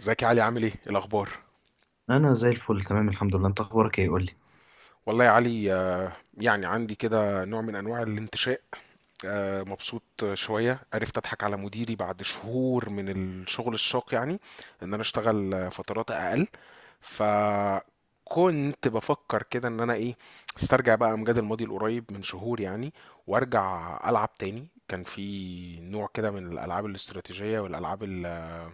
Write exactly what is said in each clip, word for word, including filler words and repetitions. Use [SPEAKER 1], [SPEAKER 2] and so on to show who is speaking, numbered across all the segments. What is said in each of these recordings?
[SPEAKER 1] ازيك يا علي؟ عامل ايه؟ إيه الاخبار؟
[SPEAKER 2] انا زي الفل، تمام الحمد لله. انت اخبارك ايه، قول لي؟
[SPEAKER 1] والله يا علي، آه، يعني عندي كده نوع من انواع الانتشاء. آه، مبسوط. شويه عرفت اضحك على مديري بعد شهور من الشغل الشاق يعني، ان انا اشتغل فترات اقل. فكنت بفكر كده ان انا ايه، استرجع بقى امجاد الماضي القريب من شهور يعني، وارجع العب تاني. كان في نوع كده من الالعاب الاستراتيجية والالعاب ال-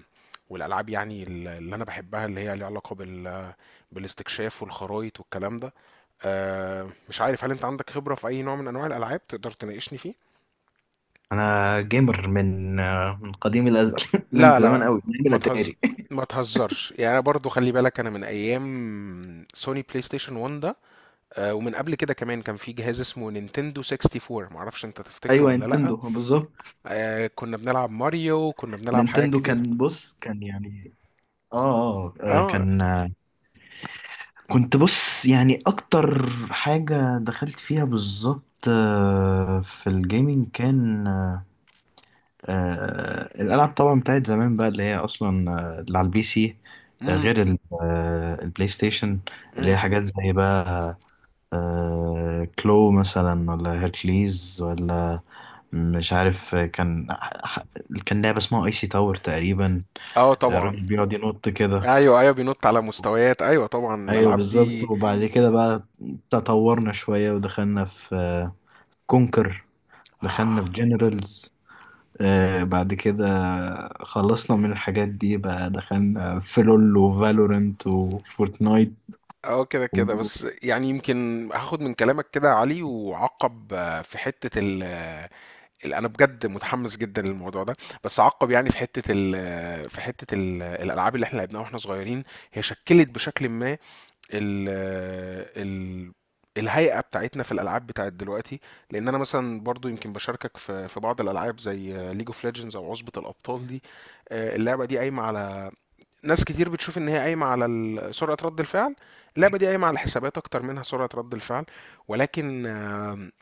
[SPEAKER 1] والالعاب يعني ال- اللي انا بحبها، اللي هي ليها علاقة بال بالاستكشاف والخرايط والكلام ده. آه، مش عارف هل انت عندك خبرة في اي نوع من انواع الالعاب تقدر تناقشني فيه؟
[SPEAKER 2] انا جيمر من آه، من قديم الازل من
[SPEAKER 1] لا
[SPEAKER 2] زمان
[SPEAKER 1] لا،
[SPEAKER 2] قوي، من ايام
[SPEAKER 1] ما تهز
[SPEAKER 2] الاتاري.
[SPEAKER 1] ما تهزرش يعني، انا برضو خلي بالك انا من ايام سوني بلاي ستيشن واحد ده. آه، ومن قبل كده كمان كان في جهاز اسمه نينتندو ستة وستين، معرفش انت تفتكره
[SPEAKER 2] ايوه،
[SPEAKER 1] ولا لأ.
[SPEAKER 2] نينتندو بالظبط.
[SPEAKER 1] آه، كنا بنلعب ماريو، كنا بنلعب حاجات
[SPEAKER 2] نينتندو
[SPEAKER 1] كتيرة.
[SPEAKER 2] كان، بص، كان يعني اه آه،
[SPEAKER 1] اه.
[SPEAKER 2] كان آه، كنت بص يعني اكتر حاجه دخلت فيها بالظبط، آه، في الجيمنج، كان آه، الالعاب طبعا بتاعت زمان بقى، اللي هي اصلا آه، اللي على البي سي، آه،
[SPEAKER 1] امم.
[SPEAKER 2] غير ال- آه، البلاي ستيشن، اللي
[SPEAKER 1] امم.
[SPEAKER 2] هي حاجات زي بقى آه، كلو مثلا، ولا هيركليز، ولا مش عارف. آه، كان ح- كان لعبة اسمها ايسي تاور تقريبا،
[SPEAKER 1] اه
[SPEAKER 2] آه،
[SPEAKER 1] طبعا.
[SPEAKER 2] الراجل بيقعد ينط كده.
[SPEAKER 1] ايوه ايوه بينط على مستويات، ايوه طبعا
[SPEAKER 2] ايوه
[SPEAKER 1] الالعاب
[SPEAKER 2] بالظبط.
[SPEAKER 1] دي.
[SPEAKER 2] وبعد كده بقى تطورنا شوية، ودخلنا في آه، كونكر، دخلنا
[SPEAKER 1] اه
[SPEAKER 2] في جنرالز. آه بعد كده خلصنا من الحاجات دي بقى، دخلنا في لول وفالورنت وفورتنايت
[SPEAKER 1] اه كده كده.
[SPEAKER 2] و...
[SPEAKER 1] بس يعني يمكن هاخد من كلامك كده يا علي وعقب، آه، في حتة ال آه، ال- انا بجد متحمس جدا للموضوع ده، بس عقب يعني في حتة ال آه، في حتة ال- آه، الالعاب اللي احنا لعبناها واحنا صغيرين، هي شكلت بشكل ما ال ال الهيئة بتاعتنا في الألعاب بتاعت دلوقتي. لأن أنا مثلا برضو يمكن بشاركك في في بعض الألعاب زي ليج اوف ليجندز أو عصبة الأبطال دي. آه، اللعبة دي قايمة على، ناس كتير بتشوف إن هي قايمة على ال- سرعة رد الفعل. اللعبة دي قايمة على الحسابات أكتر منها سرعة رد الفعل، ولكن آم،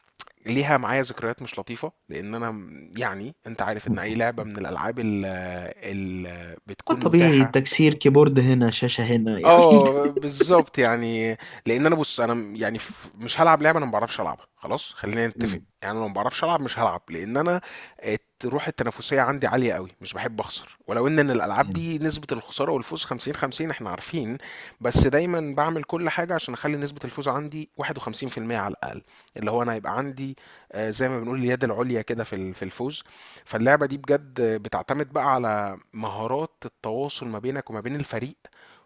[SPEAKER 1] ليها معايا ذكريات مش لطيفة. لأن أنا م- يعني أنت عارف إن أي لعبة من الألعاب اللي
[SPEAKER 2] آه،
[SPEAKER 1] بتكون
[SPEAKER 2] طبيعي،
[SPEAKER 1] متاحة.
[SPEAKER 2] تكسير كيبورد هنا، شاشة هنا يعني.
[SPEAKER 1] اه بالظبط يعني. لان انا بص، انا م- يعني ف- مش هلعب لعبه انا ما بعرفش العبها، خلاص خلينا نتفق
[SPEAKER 2] مم.
[SPEAKER 1] يعني. انا لو ما بعرفش العب مش هلعب، لان انا الت- روح التنافسيه عندي عاليه قوي، مش بحب اخسر. ولو ان إن الالعاب دي نسبه الخساره والفوز خمسين خمسين احنا عارفين، بس دايما بعمل كل حاجه عشان اخلي نسبه الفوز عندي واحد وخمسين في المية على الاقل. اللي هو انا هيبقى عندي آه، زي ما بنقول اليد العليا كده في ال- في الفوز. فاللعبه دي بجد بتعتمد بقى على مهارات التواصل ما بينك وما بين الفريق.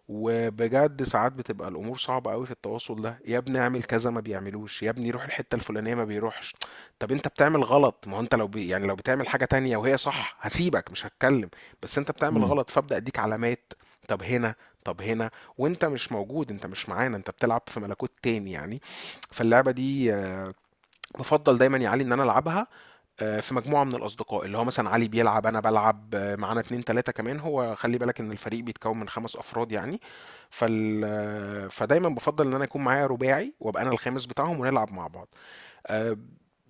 [SPEAKER 1] وبجد ساعات بتبقى الامور صعبه قوي في التواصل ده. يا ابني اعمل كذا، ما بيعملوش. يا ابني روح الحته الفلانيه، ما بيروحش. طب انت بتعمل غلط، ما هو انت لو بي يعني لو بتعمل حاجه تانية وهي صح هسيبك مش هتكلم، بس انت بتعمل
[SPEAKER 2] مم.
[SPEAKER 1] غلط فابدا اديك علامات. طب هنا، طب هنا، وانت مش موجود، انت مش معانا، انت بتلعب في ملكوت تاني يعني. فاللعبه دي آه، بفضل دايما يا علي ان انا العبها آه، في مجموعة من الأصدقاء، اللي هو مثلا علي بيلعب، أنا بلعب آه، معانا اتنين تلاتة كمان. هو خلي بالك إن الفريق بيتكون من خمس أفراد يعني. فال آه، فدايما بفضل إن أنا يكون معايا رباعي وأبقى أنا الخامس بتاعهم ونلعب مع بعض. آه،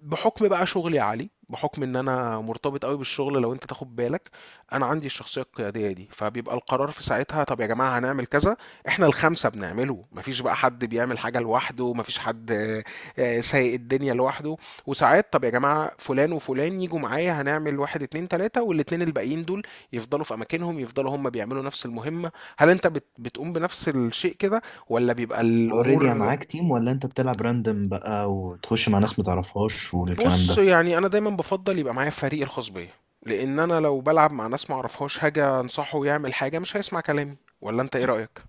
[SPEAKER 1] بحكم بقى شغلي عالي، بحكم ان انا مرتبط قوي بالشغل لو انت تاخد بالك، انا عندي الشخصيه القياديه دي، فبيبقى القرار في ساعتها، طب يا جماعه هنعمل كذا. احنا الخمسه بنعمله، مفيش بقى حد بيعمل حاجه لوحده، مفيش حد آه، آه، سايق الدنيا لوحده. وساعات طب يا جماعه فلان وفلان يجوا معايا هنعمل واحد اتنين تلاته، والاتنين الباقيين دول يفضلوا في اماكنهم، يفضلوا هم بيعملوا نفس المهمه. هل انت بت- بتقوم بنفس الشيء كده ولا بيبقى
[SPEAKER 2] اوريدي
[SPEAKER 1] الامور؟
[SPEAKER 2] معاك تيم، ولا انت بتلعب راندم بقى وتخش مع ناس متعرفهاش والكلام
[SPEAKER 1] بص
[SPEAKER 2] ده؟
[SPEAKER 1] يعني انا دايما بفضل يبقى معايا فريق الخاص بيا، لان انا لو بلعب مع ناس معرفهاش هاجي انصحه يعمل حاجه مش هيسمع كلامي. ولا انت ايه رايك؟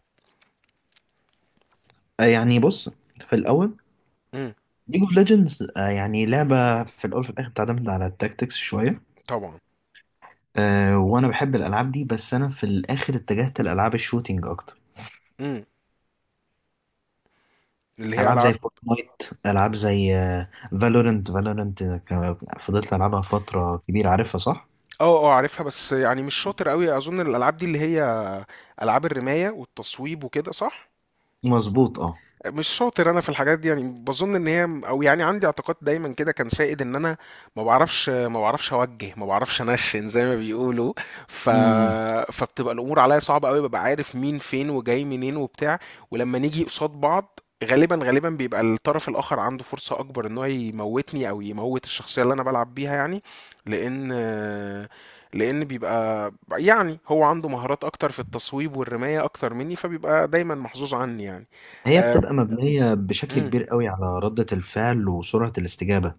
[SPEAKER 2] آه يعني بص، في الاول
[SPEAKER 1] امم.
[SPEAKER 2] ليج اوف ليجندز يعني لعبه، في الاول في الاخر بتعتمد على التاكتكس شويه.
[SPEAKER 1] طبعا.
[SPEAKER 2] آه وانا بحب الالعاب دي، بس انا في الاخر اتجهت لالعاب الشوتينج اكتر.
[SPEAKER 1] امم. اللي هي
[SPEAKER 2] العاب زي
[SPEAKER 1] العاب.
[SPEAKER 2] فورتنايت، العاب زي فالورنت فالورنت، فضلت العبها فتره كبيره، عارفها صح؟
[SPEAKER 1] اه اه عارفها، بس يعني مش شاطر قوي اظن الالعاب دي اللي هي العاب الرمايه والتصويب وكده صح؟
[SPEAKER 2] مظبوط، اه.
[SPEAKER 1] مش شاطر انا في الحاجات دي يعني. بظن ان هي او يعني عندي اعتقاد دايما كده كان سائد ان انا ما بعرفش، ما بعرفش اوجه، ما بعرفش انشن زي ما بيقولوا. ف
[SPEAKER 2] مم.
[SPEAKER 1] فبتبقى الامور عليا صعبه قوي، ببقى عارف مين فين وجاي منين وبتاع، ولما نيجي قصاد بعض غالبا غالبا بيبقى الطرف الاخر عنده فرصه اكبر ان هو يموتني او يموت الشخصيه اللي انا بلعب بيها يعني. لان لان بيبقى يعني هو عنده مهارات اكتر في التصويب والرمايه اكتر مني، فبيبقى دايما محظوظ عني يعني.
[SPEAKER 2] هي
[SPEAKER 1] آه،
[SPEAKER 2] بتبقى مبنيه بشكل
[SPEAKER 1] إمم،
[SPEAKER 2] كبير قوي على رده الفعل وسرعه الاستجابه.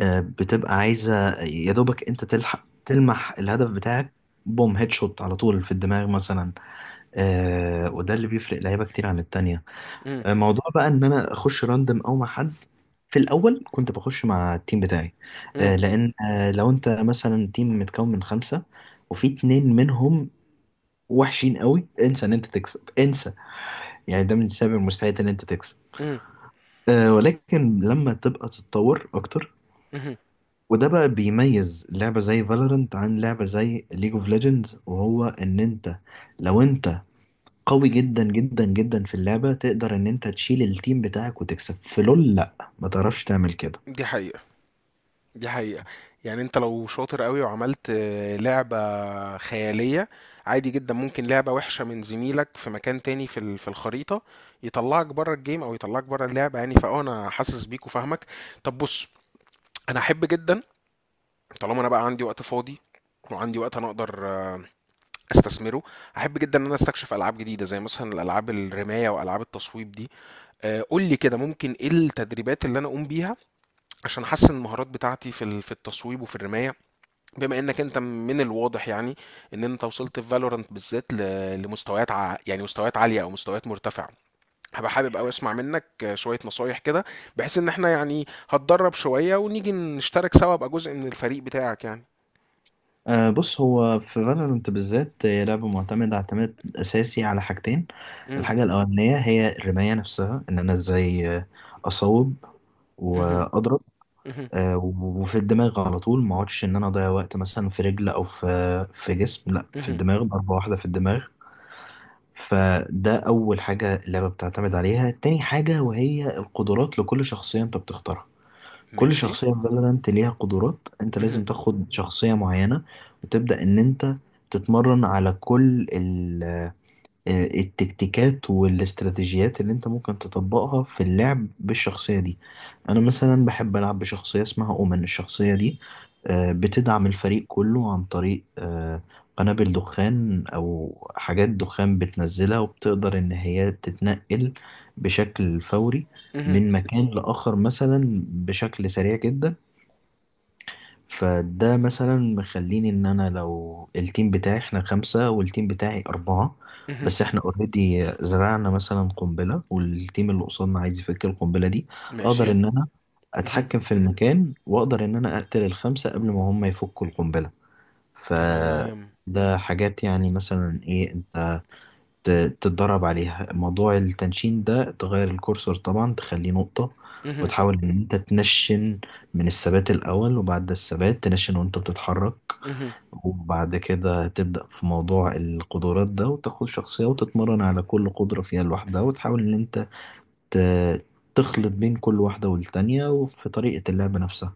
[SPEAKER 2] آه، بتبقى عايزة يا دوبك انت تلحق تلمح الهدف بتاعك، بوم، هيد شوت على طول في الدماغ مثلا. آه وده اللي بيفرق لعيبة كتير عن التانية.
[SPEAKER 1] إمم،
[SPEAKER 2] آه، موضوع بقى ان انا اخش راندم او مع حد، في الاول كنت بخش مع التيم بتاعي.
[SPEAKER 1] إمم،
[SPEAKER 2] آه لان آه لو انت مثلا تيم متكون من خمسة، وفي اتنين منهم وحشين قوي، انسى ان انت تكسب، انسى. يعني ده من سبب المستحيل ان انت تكسب.
[SPEAKER 1] إمم،
[SPEAKER 2] آه ولكن لما تبقى تتطور اكتر،
[SPEAKER 1] اهم،
[SPEAKER 2] وده بقى بيميز لعبة زي فالورنت عن لعبة زي ليج اوف ليجندز، وهو ان انت، لو انت قوي جدا جدا جدا في اللعبة، تقدر ان انت تشيل التيم بتاعك وتكسب. في لول لا، ما تعرفش تعمل كده.
[SPEAKER 1] دي حقيقة، دي حقيقة. يعني أنت لو شاطر أوي وعملت آه، لعبة خيالية، عادي جدًا ممكن لعبة وِحشة من زميلك في مكان تاني في ال في الخريطة، يطلّعك برّه الgame أو يطلّعك برّه اللعبة يعني، فآه أنا حاسس بيك وفاهمك. طب بُص، أنا أحب جدًا، طالما أنا بقى عندي وقت فاضي وعندي وقت أنا أقدر آه، أستثمره، أحب جدًا إن أنا أستكشف ألعاب جديدة، زي مثلًا الألعاب الرماية وألعاب التصويب دي. آآ قُل لي كده ممكن إيه التدريبات اللي أنا أقوم بيها عشان احسن المهارات بتاعتي في ال- في التصويب وفي الرمايه، بما انك انت من الواضح يعني ان انت وصلت في فالورانت بالذات ل- لمستويات ع... يعني مستويات عاليه او مستويات مرتفعه. هبقى حابب قوي اسمع منك شويه نصايح كده، بحيث ان احنا يعني هتدرب شويه ونيجي نشترك سوا ابقى جزء من الفريق بتاعك يعني.
[SPEAKER 2] آه بص، هو في فالورنت بالذات، هي لعبة معتمدة اعتماد اساسي على حاجتين.
[SPEAKER 1] امم.
[SPEAKER 2] الحاجة الاولانية هي الرماية نفسها، ان انا ازاي آه، اصوب
[SPEAKER 1] اها.
[SPEAKER 2] واضرب،
[SPEAKER 1] اها.
[SPEAKER 2] آه، وفي الدماغ على طول، ما اقعدش ان انا اضيع وقت مثلا في رجل او في في جسم، لا، في
[SPEAKER 1] اها.
[SPEAKER 2] الدماغ، ضربة واحدة في الدماغ. فده اول حاجة اللعبة بتعتمد عليها. تاني حاجة وهي القدرات لكل شخصية انت بتختارها. كل
[SPEAKER 1] ماشي.
[SPEAKER 2] شخصية في فالورانت ليها قدرات، انت لازم
[SPEAKER 1] اها.
[SPEAKER 2] تاخد شخصية معينة، وتبدأ ان انت تتمرن على كل آه، التكتيكات والاستراتيجيات اللي انت ممكن تطبقها في اللعب بالشخصية دي. انا مثلا بحب العب بشخصية اسمها اومن. الشخصية دي آه، بتدعم الفريق كله عن طريق آه، قنابل دخان او حاجات دخان بتنزلها، وبتقدر ان هي تتنقل بشكل فوري
[SPEAKER 1] اها.
[SPEAKER 2] من مكان لآخر مثلا بشكل سريع جدا. فده مثلا مخليني ان انا، لو التيم بتاعي احنا خمسة والتيم بتاعي اربعة،
[SPEAKER 1] اها.
[SPEAKER 2] بس احنا اوريدي زرعنا مثلا قنبلة، والتيم اللي قصادنا عايز يفك القنبلة دي، اقدر
[SPEAKER 1] ماشي.
[SPEAKER 2] ان انا
[SPEAKER 1] اها.
[SPEAKER 2] اتحكم في المكان، واقدر ان انا اقتل الخمسة قبل ما هم يفكوا القنبلة.
[SPEAKER 1] تمام.
[SPEAKER 2] فده حاجات يعني مثلا ايه، انت ت- تتدرب عليها. موضوع التنشين ده، تغير الكورسور طبعا، تخليه نقطة،
[SPEAKER 1] اها.
[SPEAKER 2] وتحاول ان انت تنشن من الثبات الاول، وبعد الثبات تنشن وانت بتتحرك.
[SPEAKER 1] اها.
[SPEAKER 2] وبعد كده تبدأ في موضوع القدرات ده، وتاخد شخصية وتتمرن على كل قدرة فيها لوحدها، وتحاول ان انت ت- تخلط بين كل واحدة والتانية، وفي طريقة اللعب نفسها.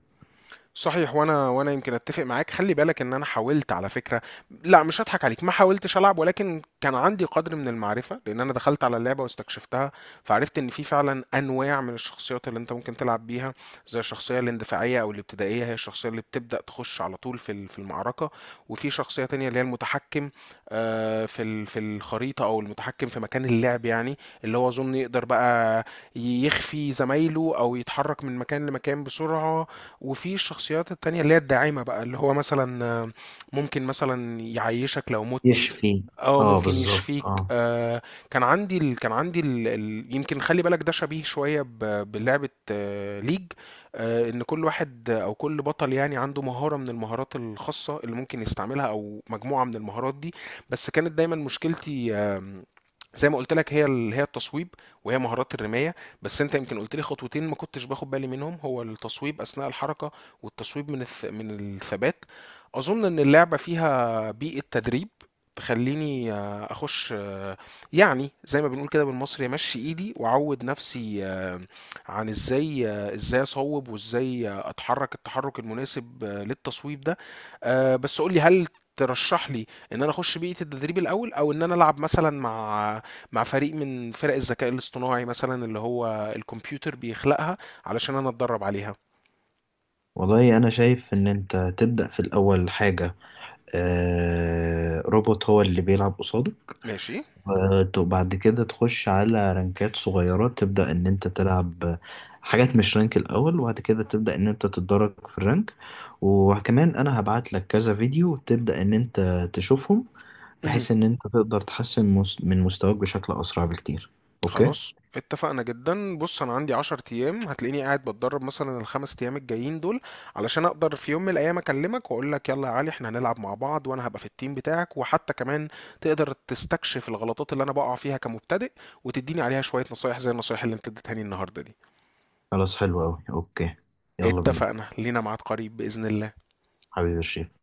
[SPEAKER 1] صحيح. وانا وانا يمكن اتفق معاك. خلي بالك ان انا حاولت على فكره، لا مش هضحك عليك، ما حاولتش العب، ولكن كان عندي قدر من المعرفه لان انا دخلت على اللعبه واستكشفتها. فعرفت ان في فعلا انواع من الشخصيات اللي انت ممكن تلعب بيها، زي الشخصيه الاندفاعيه او الابتدائيه، هي الشخصيه اللي بتبدا تخش على طول في ال- في المعركه. وفي شخصيه تانية اللي هي المتحكم آه، في ال- في الخريطه او المتحكم في مكان اللعب يعني، اللي هو اظن يقدر بقى يخفي زمايله او يتحرك من مكان لمكان بسرعه. وفي الشخصيات التانية اللي هي الداعمة بقى، اللي هو مثلا آه، ممكن مثلا يعيشك لو مت.
[SPEAKER 2] يشفي.
[SPEAKER 1] اه
[SPEAKER 2] اه
[SPEAKER 1] ممكن
[SPEAKER 2] بالظبط،
[SPEAKER 1] يشفيك
[SPEAKER 2] اه.
[SPEAKER 1] آه. كان عندي ال... كان عندي ال... ال... يمكن خلي بالك ده شبيه شوية ب... بلعبة آه ليج، آه ان كل واحد او كل بطل يعني عنده مهارة من المهارات الخاصة اللي ممكن يستعملها او مجموعة من المهارات دي. بس كانت دايما مشكلتي آم، زي ما قلت لك هي ال... هي التصويب وهي مهارات الرماية. بس انت يمكن قلت لي خطوتين ما كنتش باخد بالي منهم، هو التصويب اثناء الحركة والتصويب من الث... من الثبات. اظن ان اللعبة فيها بيئة تدريب تخلّيني آآ أخُش آه، يعني زي ما بنقول كده بالمصري أمشّي إيدي وأعوّد نَفْسي، آآ عن إزاي آه، إزاي أصوّب وإزاي آه، أتحرّك التحرُّك المناسب آه، للتصويب ده. آآ بس قُل لي، هل ترشّح لي إن أنا أخُش بيئة التدريب الأول، أو إن أنا ألعب مثلًا مع مع فريق من فرق الذكاء الاصطناعي مثلًا اللي هو الكمبيوتر بيخلقها علشان أنا أتدرّب عليها؟
[SPEAKER 2] والله انا شايف ان انت تبدأ في الاول حاجة، آه، روبوت هو اللي بيلعب قصاده.
[SPEAKER 1] ماشي.
[SPEAKER 2] وت- وبعد كده تخش على رانكات صغيرة، تبدأ إن أنت تلعب حاجات مش رانك الأول، وبعد كده تبدأ إن أنت تتدرج في الرانك. وكمان أنا هبعت لك كذا فيديو تبدأ إن أنت تشوفهم،
[SPEAKER 1] اهم.
[SPEAKER 2] بحيث إن أنت تقدر تحسن مس- من مستواك بشكل أسرع بكتير. أوكي.
[SPEAKER 1] خلاص اتفقنا جدا. بص انا عندي عشر ايام، هتلاقيني قاعد بتدرب مثلا الخمس ايام الجايين دول، علشان اقدر في يوم من الايام اكلمك واقول لك يلا يا علي احنا هنلعب مع بعض، وانا هبقى في التيم بتاعك، وحتى كمان تقدر تستكشف الغلطات اللي انا بقع فيها كمبتدئ وتديني عليها شوية نصايح زي النصايح اللي انت اديتها لي النهارده دي.
[SPEAKER 2] خلاص، حلو أوي. أوكي، يلا بينا.
[SPEAKER 1] اتفقنا، لينا ميعاد قريب بإذن الله.
[SPEAKER 2] حبيبي الشيخ.